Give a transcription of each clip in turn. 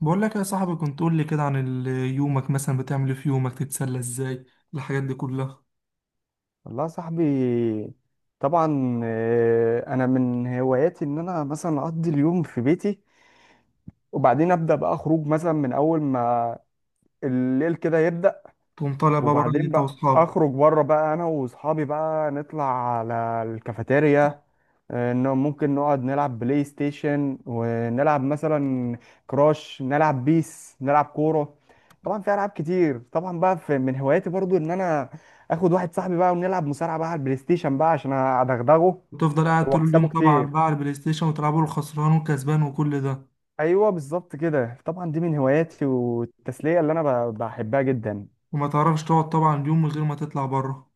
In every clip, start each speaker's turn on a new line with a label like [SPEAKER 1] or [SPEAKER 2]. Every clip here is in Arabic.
[SPEAKER 1] بقول لك يا صاحبي، كنت تقول لي كده عن يومك. مثلا بتعمل ايه في يومك؟ تتسلى ازاي الحاجات دي كلها؟
[SPEAKER 2] والله يا صاحبي، طبعا. انا من هواياتي ان انا مثلا اقضي اليوم في بيتي، وبعدين ابدا بقى خروج مثلا من اول ما الليل كده يبدا.
[SPEAKER 1] تقوم طالع بقى بره
[SPEAKER 2] وبعدين
[SPEAKER 1] انت
[SPEAKER 2] بقى
[SPEAKER 1] واصحابك،
[SPEAKER 2] اخرج بره بقى انا واصحابي بقى نطلع على الكافيتيريا. انه ممكن نقعد نلعب بلاي ستيشن ونلعب مثلا كراش، نلعب بيس، نلعب كورة. طبعا في العاب كتير. طبعا بقى في من هواياتي برضو ان انا اخد واحد صاحبي بقى ونلعب مصارعة بقى على البلاي ستيشن بقى عشان ادغدغه
[SPEAKER 1] وتفضل قاعد طول
[SPEAKER 2] واكسبه
[SPEAKER 1] اليوم طبعا
[SPEAKER 2] كتير.
[SPEAKER 1] بقى على البلاي ستيشن وتلعبوا الخسران والكسبان وكل ده.
[SPEAKER 2] ايوه بالظبط كده. طبعا دي من هواياتي والتسلية اللي انا بحبها جدا.
[SPEAKER 1] وما تعرفش تقعد طبعا يوم من غير ما تطلع بره؟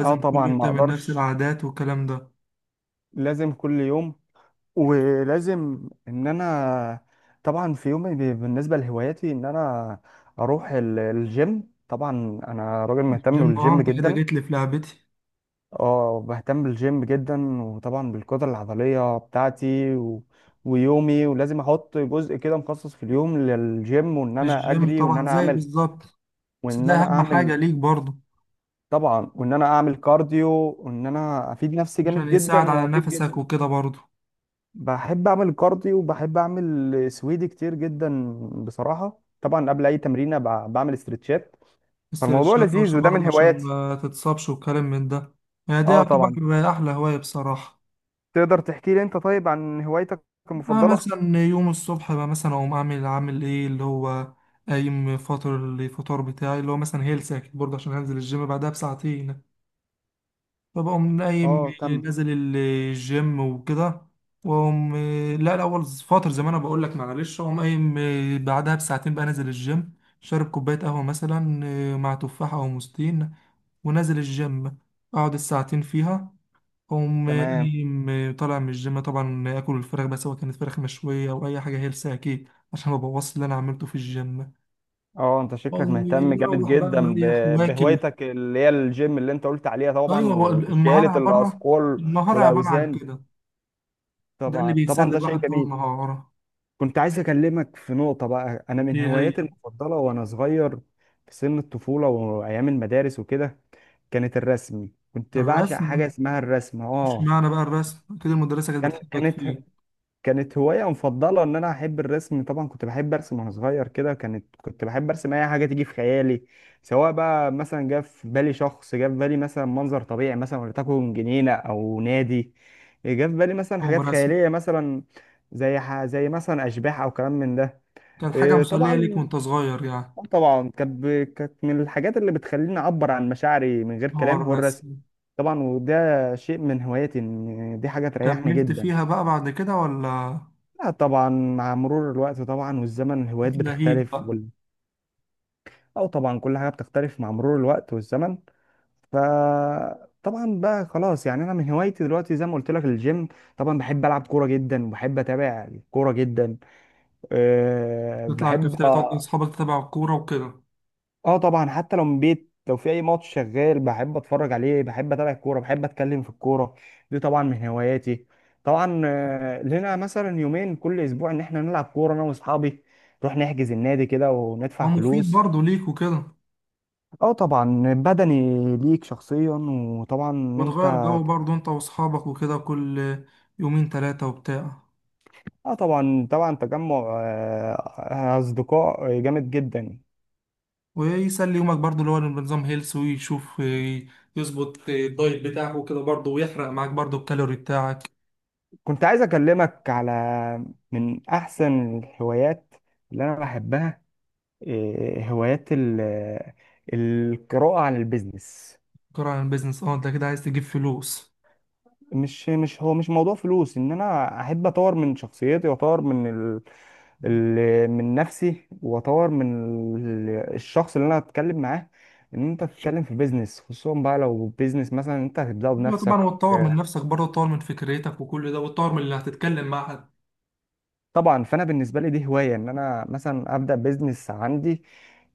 [SPEAKER 2] اه
[SPEAKER 1] كل
[SPEAKER 2] طبعا،
[SPEAKER 1] يوم
[SPEAKER 2] ما
[SPEAKER 1] تعمل نفس
[SPEAKER 2] اقدرش.
[SPEAKER 1] العادات والكلام ده.
[SPEAKER 2] لازم كل يوم. ولازم ان انا طبعا في يومي بالنسبه لهواياتي ان انا اروح الجيم. طبعا انا راجل مهتم
[SPEAKER 1] الجيم، اه
[SPEAKER 2] بالجيم
[SPEAKER 1] انت كده
[SPEAKER 2] جدا.
[SPEAKER 1] جيت لي في لعبتي.
[SPEAKER 2] اه بهتم بالجيم جدا، وطبعا بالقدره العضليه بتاعتي و ويومي. ولازم احط جزء كده مخصص في اليوم للجيم، وان انا
[SPEAKER 1] الجيم
[SPEAKER 2] اجري،
[SPEAKER 1] طبعا زي بالظبط. بس
[SPEAKER 2] وان
[SPEAKER 1] ده
[SPEAKER 2] انا
[SPEAKER 1] اهم
[SPEAKER 2] اعمل
[SPEAKER 1] حاجة ليك برضه،
[SPEAKER 2] طبعا، وان انا اعمل كارديو، وان انا افيد نفسي
[SPEAKER 1] عشان
[SPEAKER 2] جامد جدا
[SPEAKER 1] يساعد على
[SPEAKER 2] وافيد
[SPEAKER 1] نفسك
[SPEAKER 2] جسمي.
[SPEAKER 1] وكده برضه.
[SPEAKER 2] بحب اعمل كارديو، وبحب اعمل سويدي كتير جدا. بصراحه طبعا قبل اي تمرينه بعمل استرتشات. فالموضوع
[SPEAKER 1] استرشاد
[SPEAKER 2] لذيذ
[SPEAKER 1] طوشة
[SPEAKER 2] وده
[SPEAKER 1] برضه
[SPEAKER 2] من
[SPEAKER 1] عشان
[SPEAKER 2] هواياتي.
[SPEAKER 1] ما تتصابش وكلام من ده. يعني دي
[SPEAKER 2] اه طبعا.
[SPEAKER 1] هتبقى أحلى هواية بصراحة.
[SPEAKER 2] تقدر تحكي لي انت طيب عن هوايتك
[SPEAKER 1] أنا
[SPEAKER 2] المفضله؟
[SPEAKER 1] مثلا يوم الصبح بقى مثلا أقوم أعمل عامل إيه اللي هو قايم فاطر الفطار بتاعي، اللي هو مثلا هيلث أكيد برضه عشان هنزل الجيم بعدها بساعتين. فبقوم
[SPEAKER 2] اه.
[SPEAKER 1] قايم
[SPEAKER 2] كم.
[SPEAKER 1] نازل الجيم وكده واقوم. لا الاول فتره، زي ما انا بقول لك معلش، اقوم قايم بعدها بساعتين بقى نازل الجيم. شارب كوبايه قهوه مثلا مع تفاحه او موزتين، ونازل الجيم. اقعد الساعتين فيها، اقوم
[SPEAKER 2] تمام.
[SPEAKER 1] قايم طالع من الجيم، طبعا اكل الفراخ، بس هو كانت فراخ مشويه او اي حاجه هيلثي اكيد عشان ما بوظش اللي انا عملته في الجيم.
[SPEAKER 2] اه، انت شكلك
[SPEAKER 1] اقوم
[SPEAKER 2] مهتم جامد
[SPEAKER 1] مروح بقى
[SPEAKER 2] جدا
[SPEAKER 1] مريح واكل.
[SPEAKER 2] بهوايتك اللي هي الجيم، اللي انت قلت عليها طبعا،
[SPEAKER 1] ايوه، هو
[SPEAKER 2] وشيلة الاثقال
[SPEAKER 1] النهار عباره عن
[SPEAKER 2] والاوزان.
[SPEAKER 1] كده. ده اللي
[SPEAKER 2] طبعا طبعا،
[SPEAKER 1] بيسلي
[SPEAKER 2] ده شيء
[SPEAKER 1] الواحد طول
[SPEAKER 2] جميل.
[SPEAKER 1] النهار.
[SPEAKER 2] كنت عايز أكلمك في نقطة بقى. أنا من
[SPEAKER 1] هي
[SPEAKER 2] هواياتي المفضلة وأنا صغير في سن الطفولة وأيام المدارس وكده كانت الرسم. كنت بعشق حاجة
[SPEAKER 1] الرسم.
[SPEAKER 2] اسمها الرسم
[SPEAKER 1] مش معنى بقى الرسم كده المدرسة كانت
[SPEAKER 2] كان
[SPEAKER 1] بتحبك
[SPEAKER 2] كانت
[SPEAKER 1] فيه؟
[SPEAKER 2] كانت هواية مفضلة، إن أنا أحب الرسم. طبعا كنت بحب أرسم وأنا صغير كده، كنت بحب أرسم أي حاجة تيجي في خيالي. سواء بقى مثلا جه في بالي شخص، جه في بالي مثلا منظر طبيعي، مثلا ولتكن جنينة أو نادي، جه في بالي مثلا
[SPEAKER 1] تقوم
[SPEAKER 2] حاجات
[SPEAKER 1] رسم.
[SPEAKER 2] خيالية، مثلا زي مثلا أشباح أو كلام من ده.
[SPEAKER 1] كانت حاجة
[SPEAKER 2] إيه
[SPEAKER 1] مسلية ليك
[SPEAKER 2] طبعا.
[SPEAKER 1] وانت صغير يعني.
[SPEAKER 2] طبعا كانت من الحاجات اللي بتخليني اعبر عن مشاعري من غير
[SPEAKER 1] هو
[SPEAKER 2] كلام هو الرسم.
[SPEAKER 1] الرسم.
[SPEAKER 2] طبعا، وده شيء من هواياتي، ان دي حاجه تريحني
[SPEAKER 1] وكملت
[SPEAKER 2] جدا.
[SPEAKER 1] فيها بقى بعد كده ولا؟
[SPEAKER 2] لا طبعا، مع مرور الوقت طبعا والزمن الهوايات
[SPEAKER 1] اتلهيت
[SPEAKER 2] بتختلف
[SPEAKER 1] بقى؟
[SPEAKER 2] او طبعا كل حاجه بتختلف مع مرور الوقت والزمن. ف طبعا بقى خلاص، يعني انا من هوايتي دلوقتي زي ما قلت لك الجيم. طبعا بحب العب كوره جدا، وبحب اتابع الكوره جدا.
[SPEAKER 1] تطلع
[SPEAKER 2] بحب.
[SPEAKER 1] الكافتيريا تقعد مع أصحابك تتابع الكورة وكده.
[SPEAKER 2] اه طبعا، حتى لو من بيت، لو في اي ماتش شغال بحب اتفرج عليه، بحب اتابع الكوره، بحب اتكلم في الكوره، دي طبعا من هواياتي. طبعا، لنا مثلا يومين كل اسبوع ان احنا نلعب كوره انا واصحابي، نروح نحجز النادي كده
[SPEAKER 1] هو
[SPEAKER 2] وندفع
[SPEAKER 1] مفيد
[SPEAKER 2] فلوس.
[SPEAKER 1] برضه ليك وكده.
[SPEAKER 2] اه طبعا بدني، ليك شخصيا. وطبعا ان انت.
[SPEAKER 1] وتغير جو برضه انت وأصحابك وكده، كل يومين تلاتة وبتاع.
[SPEAKER 2] اه طبعا طبعا تجمع اصدقاء جامد جدا.
[SPEAKER 1] ويسلي يومك برضو، اللي هو بنظام هيلث، ويشوف يظبط الدايت بتاعه وكده برضو، ويحرق معاك برضو الكالوري بتاعك.
[SPEAKER 2] كنت عايز اكلمك على من احسن الهوايات اللي انا بحبها. هوايات القراءة عن البيزنس.
[SPEAKER 1] كرة عن البيزنس، اه انت كده عايز تجيب فلوس.
[SPEAKER 2] مش مش هو مش موضوع فلوس. ان انا احب اطور من شخصيتي، واطور من من نفسي، واطور من ال... الشخص اللي انا هتكلم معاه. ان انت تتكلم في بيزنس، خصوصا بقى لو بيزنس مثلا انت هتبداه
[SPEAKER 1] أيوة طبعا،
[SPEAKER 2] بنفسك.
[SPEAKER 1] وتطور من نفسك برضه، تطور من فكرتك وكل ده، وتطور من اللي هتتكلم مع حد.
[SPEAKER 2] طبعا فانا بالنسبه لي دي هوايه، ان انا مثلا ابدا بيزنس عندي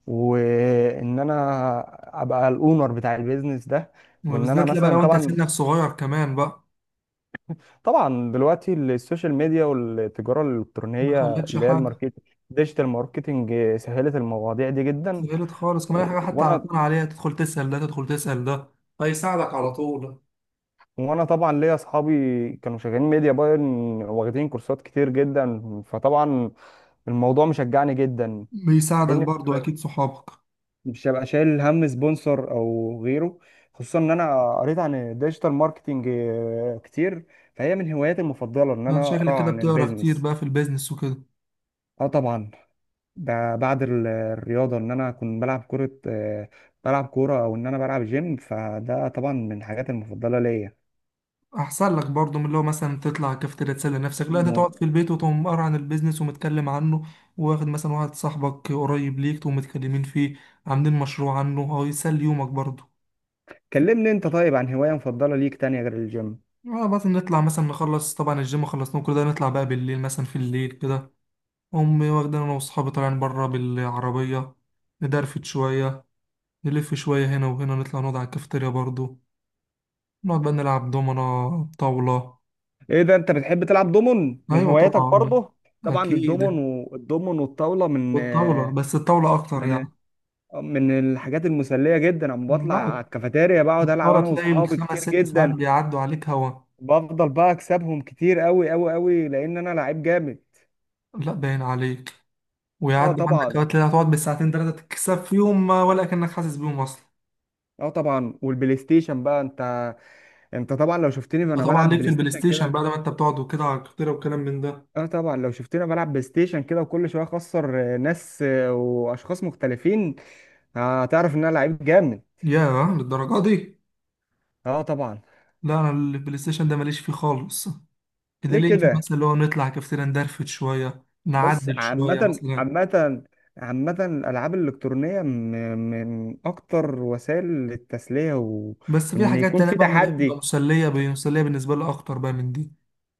[SPEAKER 2] وان انا ابقى الاونر بتاع البيزنس ده. وان انا
[SPEAKER 1] وبالذات لا بقى
[SPEAKER 2] مثلا
[SPEAKER 1] لو انت
[SPEAKER 2] طبعا.
[SPEAKER 1] سنك صغير كمان بقى.
[SPEAKER 2] طبعا دلوقتي السوشيال ميديا والتجارة
[SPEAKER 1] ما
[SPEAKER 2] الإلكترونية،
[SPEAKER 1] خلتش
[SPEAKER 2] اللي هي
[SPEAKER 1] حاجة.
[SPEAKER 2] الماركت ديجيتال ماركتنج، سهلت المواضيع دي جدا.
[SPEAKER 1] سهلت خالص كمان، أي
[SPEAKER 2] و-
[SPEAKER 1] حاجة حتى على
[SPEAKER 2] وانا
[SPEAKER 1] طول عليها تدخل تسأل ده، تدخل تسأل ده، هيساعدك على طول.
[SPEAKER 2] وانا طبعا ليا اصحابي كانوا شغالين ميديا باين، واخدين كورسات كتير جدا. فطبعا الموضوع مشجعني جدا،
[SPEAKER 1] بيساعدك
[SPEAKER 2] لان
[SPEAKER 1] برضه أكيد صحابك.
[SPEAKER 2] مش هبقى شايل هم سبونسر او غيره. خصوصا ان انا قريت عن الديجيتال ماركتنج كتير. فهي من هواياتي المفضلة ان
[SPEAKER 1] أنا
[SPEAKER 2] انا
[SPEAKER 1] شكلك
[SPEAKER 2] اقرا
[SPEAKER 1] كده
[SPEAKER 2] عن
[SPEAKER 1] بتقرا كتير
[SPEAKER 2] البيزنس.
[SPEAKER 1] بقى في البيزنس وكده.
[SPEAKER 2] اه طبعا. ده بعد الرياضة، إن أنا أكون بلعب كرة، بلعب كورة أو إن أنا بلعب جيم. فده طبعا من الحاجات المفضلة ليا.
[SPEAKER 1] احسن لك برضو من اللي هو مثلا تطلع كافتيريا تسلي نفسك. لا، انت تقعد
[SPEAKER 2] م-
[SPEAKER 1] في البيت وتقوم قاري عن البيزنس ومتكلم عنه. واخد مثلا واحد صاحبك قريب ليك تقوم متكلمين فيه عاملين مشروع عنه، هو يسلي يومك برضو.
[SPEAKER 2] كلمني أنت طيب عن هواية مفضلة ليك تانية غير الجيم.
[SPEAKER 1] اه، بس نطلع مثلا، نخلص طبعا الجيم خلصنا كل ده، نطلع بقى بالليل مثلا في الليل كده. امي واخدين، انا واصحابي طالعين بره بالعربيه، ندرفت شويه، نلف شويه هنا وهنا، نطلع نقعد على الكافتيريا برضو، نقعد بقى نلعب دومنا طاوله.
[SPEAKER 2] إيه ده، أنت بتحب تلعب دومون؟ من
[SPEAKER 1] ايوه
[SPEAKER 2] هواياتك
[SPEAKER 1] طبعا
[SPEAKER 2] برضه؟ طبعا
[SPEAKER 1] اكيد.
[SPEAKER 2] الدومون. والدومون والطاولة من
[SPEAKER 1] والطاولة، بس الطاولة أكتر يعني.
[SPEAKER 2] من من الحاجات المسلية جدا. أما بطلع على
[SPEAKER 1] لا،
[SPEAKER 2] الكافيتيريا بقعد ألعب
[SPEAKER 1] الطاولة
[SPEAKER 2] أنا
[SPEAKER 1] تلاقي
[SPEAKER 2] وأصحابي
[SPEAKER 1] الخمس
[SPEAKER 2] كتير
[SPEAKER 1] ست ساعات
[SPEAKER 2] جدا.
[SPEAKER 1] بيعدوا عليك هوا.
[SPEAKER 2] بفضل بقى أكسبهم كتير أوي أوي أوي، لأن أنا لعيب جامد.
[SPEAKER 1] لا باين عليك.
[SPEAKER 2] اه
[SPEAKER 1] ويعدوا عندك
[SPEAKER 2] طبعا.
[SPEAKER 1] أوقات تلاقي هتقعد بالساعتين تلاتة تكسب فيهم، ولا كأنك حاسس بيهم أصلا.
[SPEAKER 2] اه طبعا. والبلاي ستيشن بقى، انت طبعا لو شفتني
[SPEAKER 1] ده
[SPEAKER 2] وانا
[SPEAKER 1] طبعا
[SPEAKER 2] بلعب
[SPEAKER 1] ليك في
[SPEAKER 2] بلاي
[SPEAKER 1] البلاي
[SPEAKER 2] ستيشن
[SPEAKER 1] ستيشن
[SPEAKER 2] كده.
[SPEAKER 1] بعد ما أنت بتقعد وكده على الكتيرة وكلام من ده.
[SPEAKER 2] اه طبعا لو شفتني وانا بلعب بلاي ستيشن كده وكل شويه اخسر ناس، واشخاص مختلفين، هتعرف ان انا لعيب جامد.
[SPEAKER 1] ياه، للدرجة دي؟
[SPEAKER 2] اه طبعا.
[SPEAKER 1] لا، أنا البلاي ستيشن ده ماليش فيه خالص. اللي
[SPEAKER 2] ليه
[SPEAKER 1] ليا فيه
[SPEAKER 2] كده؟
[SPEAKER 1] مثلا اللي هو نطلع كافتيريا، ندرفت شوية،
[SPEAKER 2] بص،
[SPEAKER 1] نعدل شوية
[SPEAKER 2] عامه
[SPEAKER 1] مثلا.
[SPEAKER 2] الالعاب الالكترونيه من اكتر وسائل التسليه
[SPEAKER 1] بس في
[SPEAKER 2] وان
[SPEAKER 1] حاجات
[SPEAKER 2] يكون
[SPEAKER 1] تانية
[SPEAKER 2] في
[SPEAKER 1] بقى بتبقى
[SPEAKER 2] تحدي.
[SPEAKER 1] مسلية مسلية بالنسبة لي أكتر بقى من دي.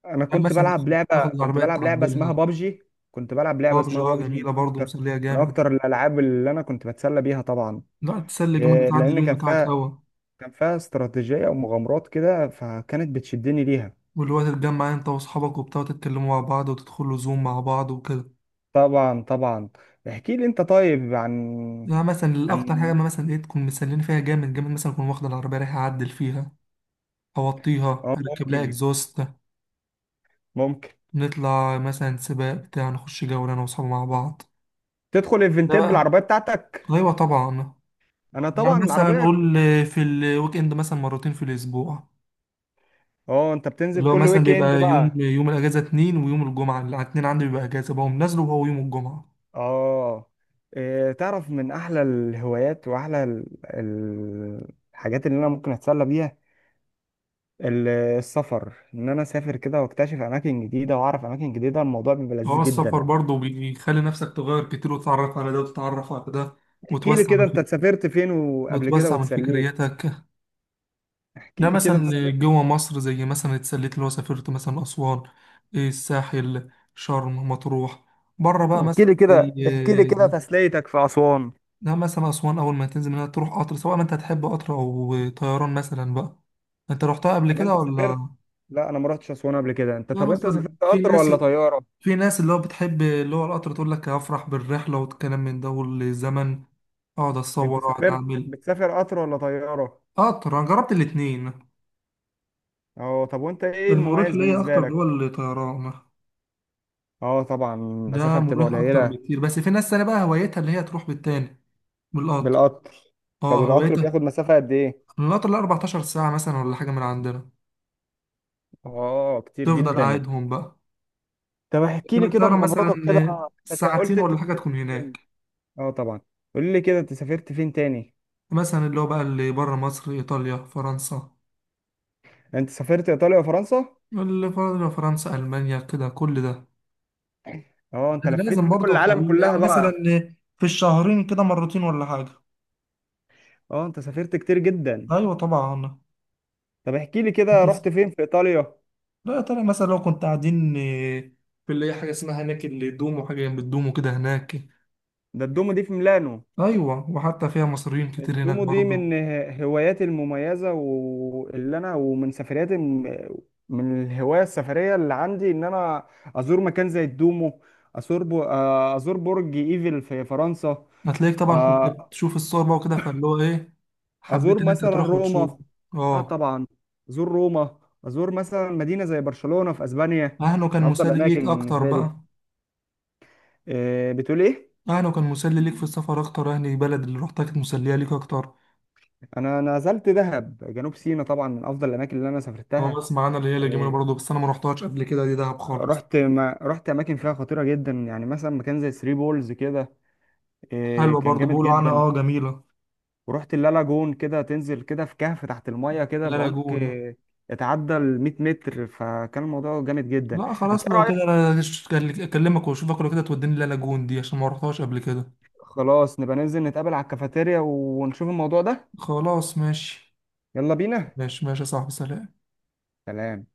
[SPEAKER 2] انا
[SPEAKER 1] يعني مثلا تاخد
[SPEAKER 2] كنت
[SPEAKER 1] العربية
[SPEAKER 2] بلعب لعبه اسمها
[SPEAKER 1] تعدلها.
[SPEAKER 2] بابجي.
[SPEAKER 1] بابجي، اه
[SPEAKER 2] من
[SPEAKER 1] جميلة برضه،
[SPEAKER 2] اكتر
[SPEAKER 1] مسلية جامد.
[SPEAKER 2] الالعاب اللي انا كنت بتسلى بيها. طبعا
[SPEAKER 1] لا، تسلي جامد وتعدي
[SPEAKER 2] لان
[SPEAKER 1] اليوم بتاعك هوا.
[SPEAKER 2] كان فيها استراتيجيه ومغامرات كده، فكانت بتشدني ليها.
[SPEAKER 1] واللي هو تتجمع انت واصحابك وبتاع، تتكلموا مع بعض وتدخلوا زوم مع بعض وكده.
[SPEAKER 2] طبعا طبعا. احكي لي انت طيب، عن
[SPEAKER 1] يعني مثلا الأكتر حاجة
[SPEAKER 2] عن
[SPEAKER 1] ما مثلا ايه تكون مسلين فيها جامد جامد، مثلا أكون واخد العربية رايح أعدل فيها، أوطيها،
[SPEAKER 2] اه
[SPEAKER 1] أركب لها
[SPEAKER 2] ممكن
[SPEAKER 1] إكزوست.
[SPEAKER 2] ممكن
[SPEAKER 1] نطلع مثلا سباق بتاع، نخش جولة أنا وأصحابي مع بعض.
[SPEAKER 2] تدخل
[SPEAKER 1] ده
[SPEAKER 2] ايفنتات
[SPEAKER 1] بقى.
[SPEAKER 2] بالعربيه بتاعتك؟
[SPEAKER 1] أيوة طبعا.
[SPEAKER 2] انا
[SPEAKER 1] يعني
[SPEAKER 2] طبعا
[SPEAKER 1] مثلا
[SPEAKER 2] العربيه.
[SPEAKER 1] نقول في الويك إند مثلا مرتين في الأسبوع.
[SPEAKER 2] اه انت بتنزل
[SPEAKER 1] اللي هو
[SPEAKER 2] كل
[SPEAKER 1] مثلا
[SPEAKER 2] ويك اند
[SPEAKER 1] بيبقى يوم
[SPEAKER 2] بقى؟
[SPEAKER 1] يوم الاجازه اتنين، ويوم الجمعه الاثنين عندي بيبقى اجازه، بقوم نازله وهو يوم الجمعه.
[SPEAKER 2] اه. إيه، تعرف من احلى الهوايات واحلى الحاجات اللي انا ممكن اتسلى بيها، السفر. ان انا اسافر كده واكتشف اماكن جديده واعرف اماكن جديده. الموضوع بيبقى لذيذ
[SPEAKER 1] هو السفر
[SPEAKER 2] جدا.
[SPEAKER 1] برضه بيخلي نفسك تغير كتير، وتتعرف على ده وتتعرف على ده،
[SPEAKER 2] احكي لي
[SPEAKER 1] وتوسع
[SPEAKER 2] كده،
[SPEAKER 1] من
[SPEAKER 2] انت
[SPEAKER 1] فك...
[SPEAKER 2] سافرت فين وقبل كده
[SPEAKER 1] وتوسع من
[SPEAKER 2] واتسليت؟
[SPEAKER 1] فكريتك.
[SPEAKER 2] احكي
[SPEAKER 1] لا
[SPEAKER 2] لي كده انت
[SPEAKER 1] مثلا
[SPEAKER 2] سافرت
[SPEAKER 1] جوه مصر زي مثلا اتسليت اللي هو سافرت مثلا اسوان، الساحل، شرم، مطروح. بره بقى مثلا
[SPEAKER 2] احكي لي كده
[SPEAKER 1] زي-
[SPEAKER 2] تسليتك في اسوان؟
[SPEAKER 1] لا مثلا اسوان اول ما تنزل منها تروح قطر، سواء ما انت هتحب قطر او طيران مثلا بقى. انت رحتها قبل
[SPEAKER 2] طب
[SPEAKER 1] كده
[SPEAKER 2] انت سافرت.
[SPEAKER 1] ولا؟
[SPEAKER 2] لا انا ما رحتش اسوان قبل كده.
[SPEAKER 1] لا
[SPEAKER 2] طب انت
[SPEAKER 1] مثلا
[SPEAKER 2] سافرت
[SPEAKER 1] في
[SPEAKER 2] قطر
[SPEAKER 1] ناس
[SPEAKER 2] ولا طياره؟
[SPEAKER 1] في ناس اللي هو بتحب اللي هو القطر، تقول لك هفرح بالرحلة والكلام من ده والزمن، اقعد اتصور
[SPEAKER 2] انت
[SPEAKER 1] اقعد
[SPEAKER 2] سافرت،
[SPEAKER 1] اعمل.
[SPEAKER 2] بتسافر قطر ولا طياره؟
[SPEAKER 1] قطر انا جربت الاتنين.
[SPEAKER 2] اه. طب وانت ايه
[SPEAKER 1] المريح
[SPEAKER 2] المميز
[SPEAKER 1] ليا
[SPEAKER 2] بالنسبه
[SPEAKER 1] اكتر اللي هو
[SPEAKER 2] لك؟
[SPEAKER 1] الطيران.
[SPEAKER 2] اه طبعا
[SPEAKER 1] ده
[SPEAKER 2] المسافة بتبقى
[SPEAKER 1] مريح اكتر
[SPEAKER 2] قليلة.
[SPEAKER 1] بكتير، بس في ناس تانية بقى هوايتها اللي هي تروح بالتاني، بالقطر.
[SPEAKER 2] بالقطر. طب
[SPEAKER 1] اه
[SPEAKER 2] القطر
[SPEAKER 1] هوايتها.
[SPEAKER 2] بياخد مسافة قد ايه؟
[SPEAKER 1] من القطر له 14 ساعة مثلا ولا حاجة من عندنا.
[SPEAKER 2] اه كتير
[SPEAKER 1] تفضل
[SPEAKER 2] جدا.
[SPEAKER 1] قاعدهم بقى.
[SPEAKER 2] طب احكي
[SPEAKER 1] لكن
[SPEAKER 2] لي كده
[SPEAKER 1] الطيارة
[SPEAKER 2] مغامراتك كده.
[SPEAKER 1] مثلا
[SPEAKER 2] بس قلت
[SPEAKER 1] ساعتين
[SPEAKER 2] انت
[SPEAKER 1] ولا حاجة
[SPEAKER 2] سافرت
[SPEAKER 1] تكون
[SPEAKER 2] فين تاني؟
[SPEAKER 1] هناك.
[SPEAKER 2] اه طبعا. قول لي كده انت سافرت فين تاني؟
[SPEAKER 1] مثلا اللي هو بقى اللي بره مصر ايطاليا فرنسا،
[SPEAKER 2] انت سافرت ايطاليا وفرنسا؟
[SPEAKER 1] اللي بره فرنسا المانيا كده كل ده.
[SPEAKER 2] اه، انت لفيت
[SPEAKER 1] لازم
[SPEAKER 2] دول
[SPEAKER 1] برضه
[SPEAKER 2] العالم كلها
[SPEAKER 1] يعني مثلا
[SPEAKER 2] بقى.
[SPEAKER 1] في الشهرين كده مرتين ولا حاجة.
[SPEAKER 2] اه، انت سافرت كتير جدا.
[SPEAKER 1] أيوة طبعا
[SPEAKER 2] طب احكي لي كده،
[SPEAKER 1] بس.
[SPEAKER 2] رحت فين في ايطاليا؟
[SPEAKER 1] لا يا ترى مثلا لو كنت قاعدين في اللي هي حاجة اسمها هناك اللي دوم، وحاجة جنب الدوم وكده هناك.
[SPEAKER 2] ده الدومو دي في ميلانو.
[SPEAKER 1] أيوة، وحتى فيها مصريين كتير هناك
[SPEAKER 2] الدومو دي
[SPEAKER 1] برضه.
[SPEAKER 2] من هواياتي المميزة، واللي أنا ومن سفرياتي من الهواية السفرية اللي عندي، إن أنا أزور مكان زي الدومو. أزور أزور برج إيفل في فرنسا.
[SPEAKER 1] هتلاقيك طبعا كنت
[SPEAKER 2] آه،
[SPEAKER 1] بتشوف الصور بقى وكده، فاللي هو إيه،
[SPEAKER 2] أزور
[SPEAKER 1] حبيت إن أنت
[SPEAKER 2] مثلا
[SPEAKER 1] تروح وتشوف.
[SPEAKER 2] روما. آه
[SPEAKER 1] أه.
[SPEAKER 2] طبعا. أزور روما، أزور مثلا مدينة زي برشلونة في أسبانيا،
[SPEAKER 1] أهله كان
[SPEAKER 2] من أفضل
[SPEAKER 1] مسلي
[SPEAKER 2] الأماكن
[SPEAKER 1] ليك أكتر
[SPEAKER 2] بالنسبة لي.
[SPEAKER 1] بقى؟
[SPEAKER 2] بتقول إيه؟
[SPEAKER 1] أهله كان مسلي ليك في السفر أكتر؟ أهل البلد اللي روحتها كانت مسلية ليك أكتر؟
[SPEAKER 2] أنا نزلت دهب جنوب سيناء، طبعا من أفضل الأماكن اللي أنا
[SPEAKER 1] أه،
[SPEAKER 2] سافرتها.
[SPEAKER 1] أسمع أنا اللي هي الجميلة
[SPEAKER 2] آه،
[SPEAKER 1] برضه، بس أنا ما روحتهاش قبل كده دي دهب خالص.
[SPEAKER 2] رحت، ما رحت اماكن فيها خطيره جدا، يعني مثلا مكان زي ثري بولز كده.
[SPEAKER 1] حلوة
[SPEAKER 2] كان
[SPEAKER 1] برضه،
[SPEAKER 2] جامد
[SPEAKER 1] بيقولوا عنها
[SPEAKER 2] جدا.
[SPEAKER 1] اه جميلة.
[SPEAKER 2] ورحت اللالاجون كده، تنزل كده في كهف تحت المايه كده
[SPEAKER 1] لا
[SPEAKER 2] بعمق
[SPEAKER 1] لاجون.
[SPEAKER 2] يتعدى ال 100 متر، فكان الموضوع جامد جدا.
[SPEAKER 1] لا
[SPEAKER 2] انت
[SPEAKER 1] خلاص
[SPEAKER 2] ايه
[SPEAKER 1] لو
[SPEAKER 2] رايك؟
[SPEAKER 1] كده انا اكلمك واشوفك لو كده توديني لا لاجون دي عشان ما رحتهاش قبل كده.
[SPEAKER 2] خلاص نبقى ننزل نتقابل على الكافيتيريا ونشوف الموضوع ده.
[SPEAKER 1] خلاص ماشي.
[SPEAKER 2] يلا بينا.
[SPEAKER 1] ماشي ماشي يا صاحبي، سلام.
[SPEAKER 2] سلام.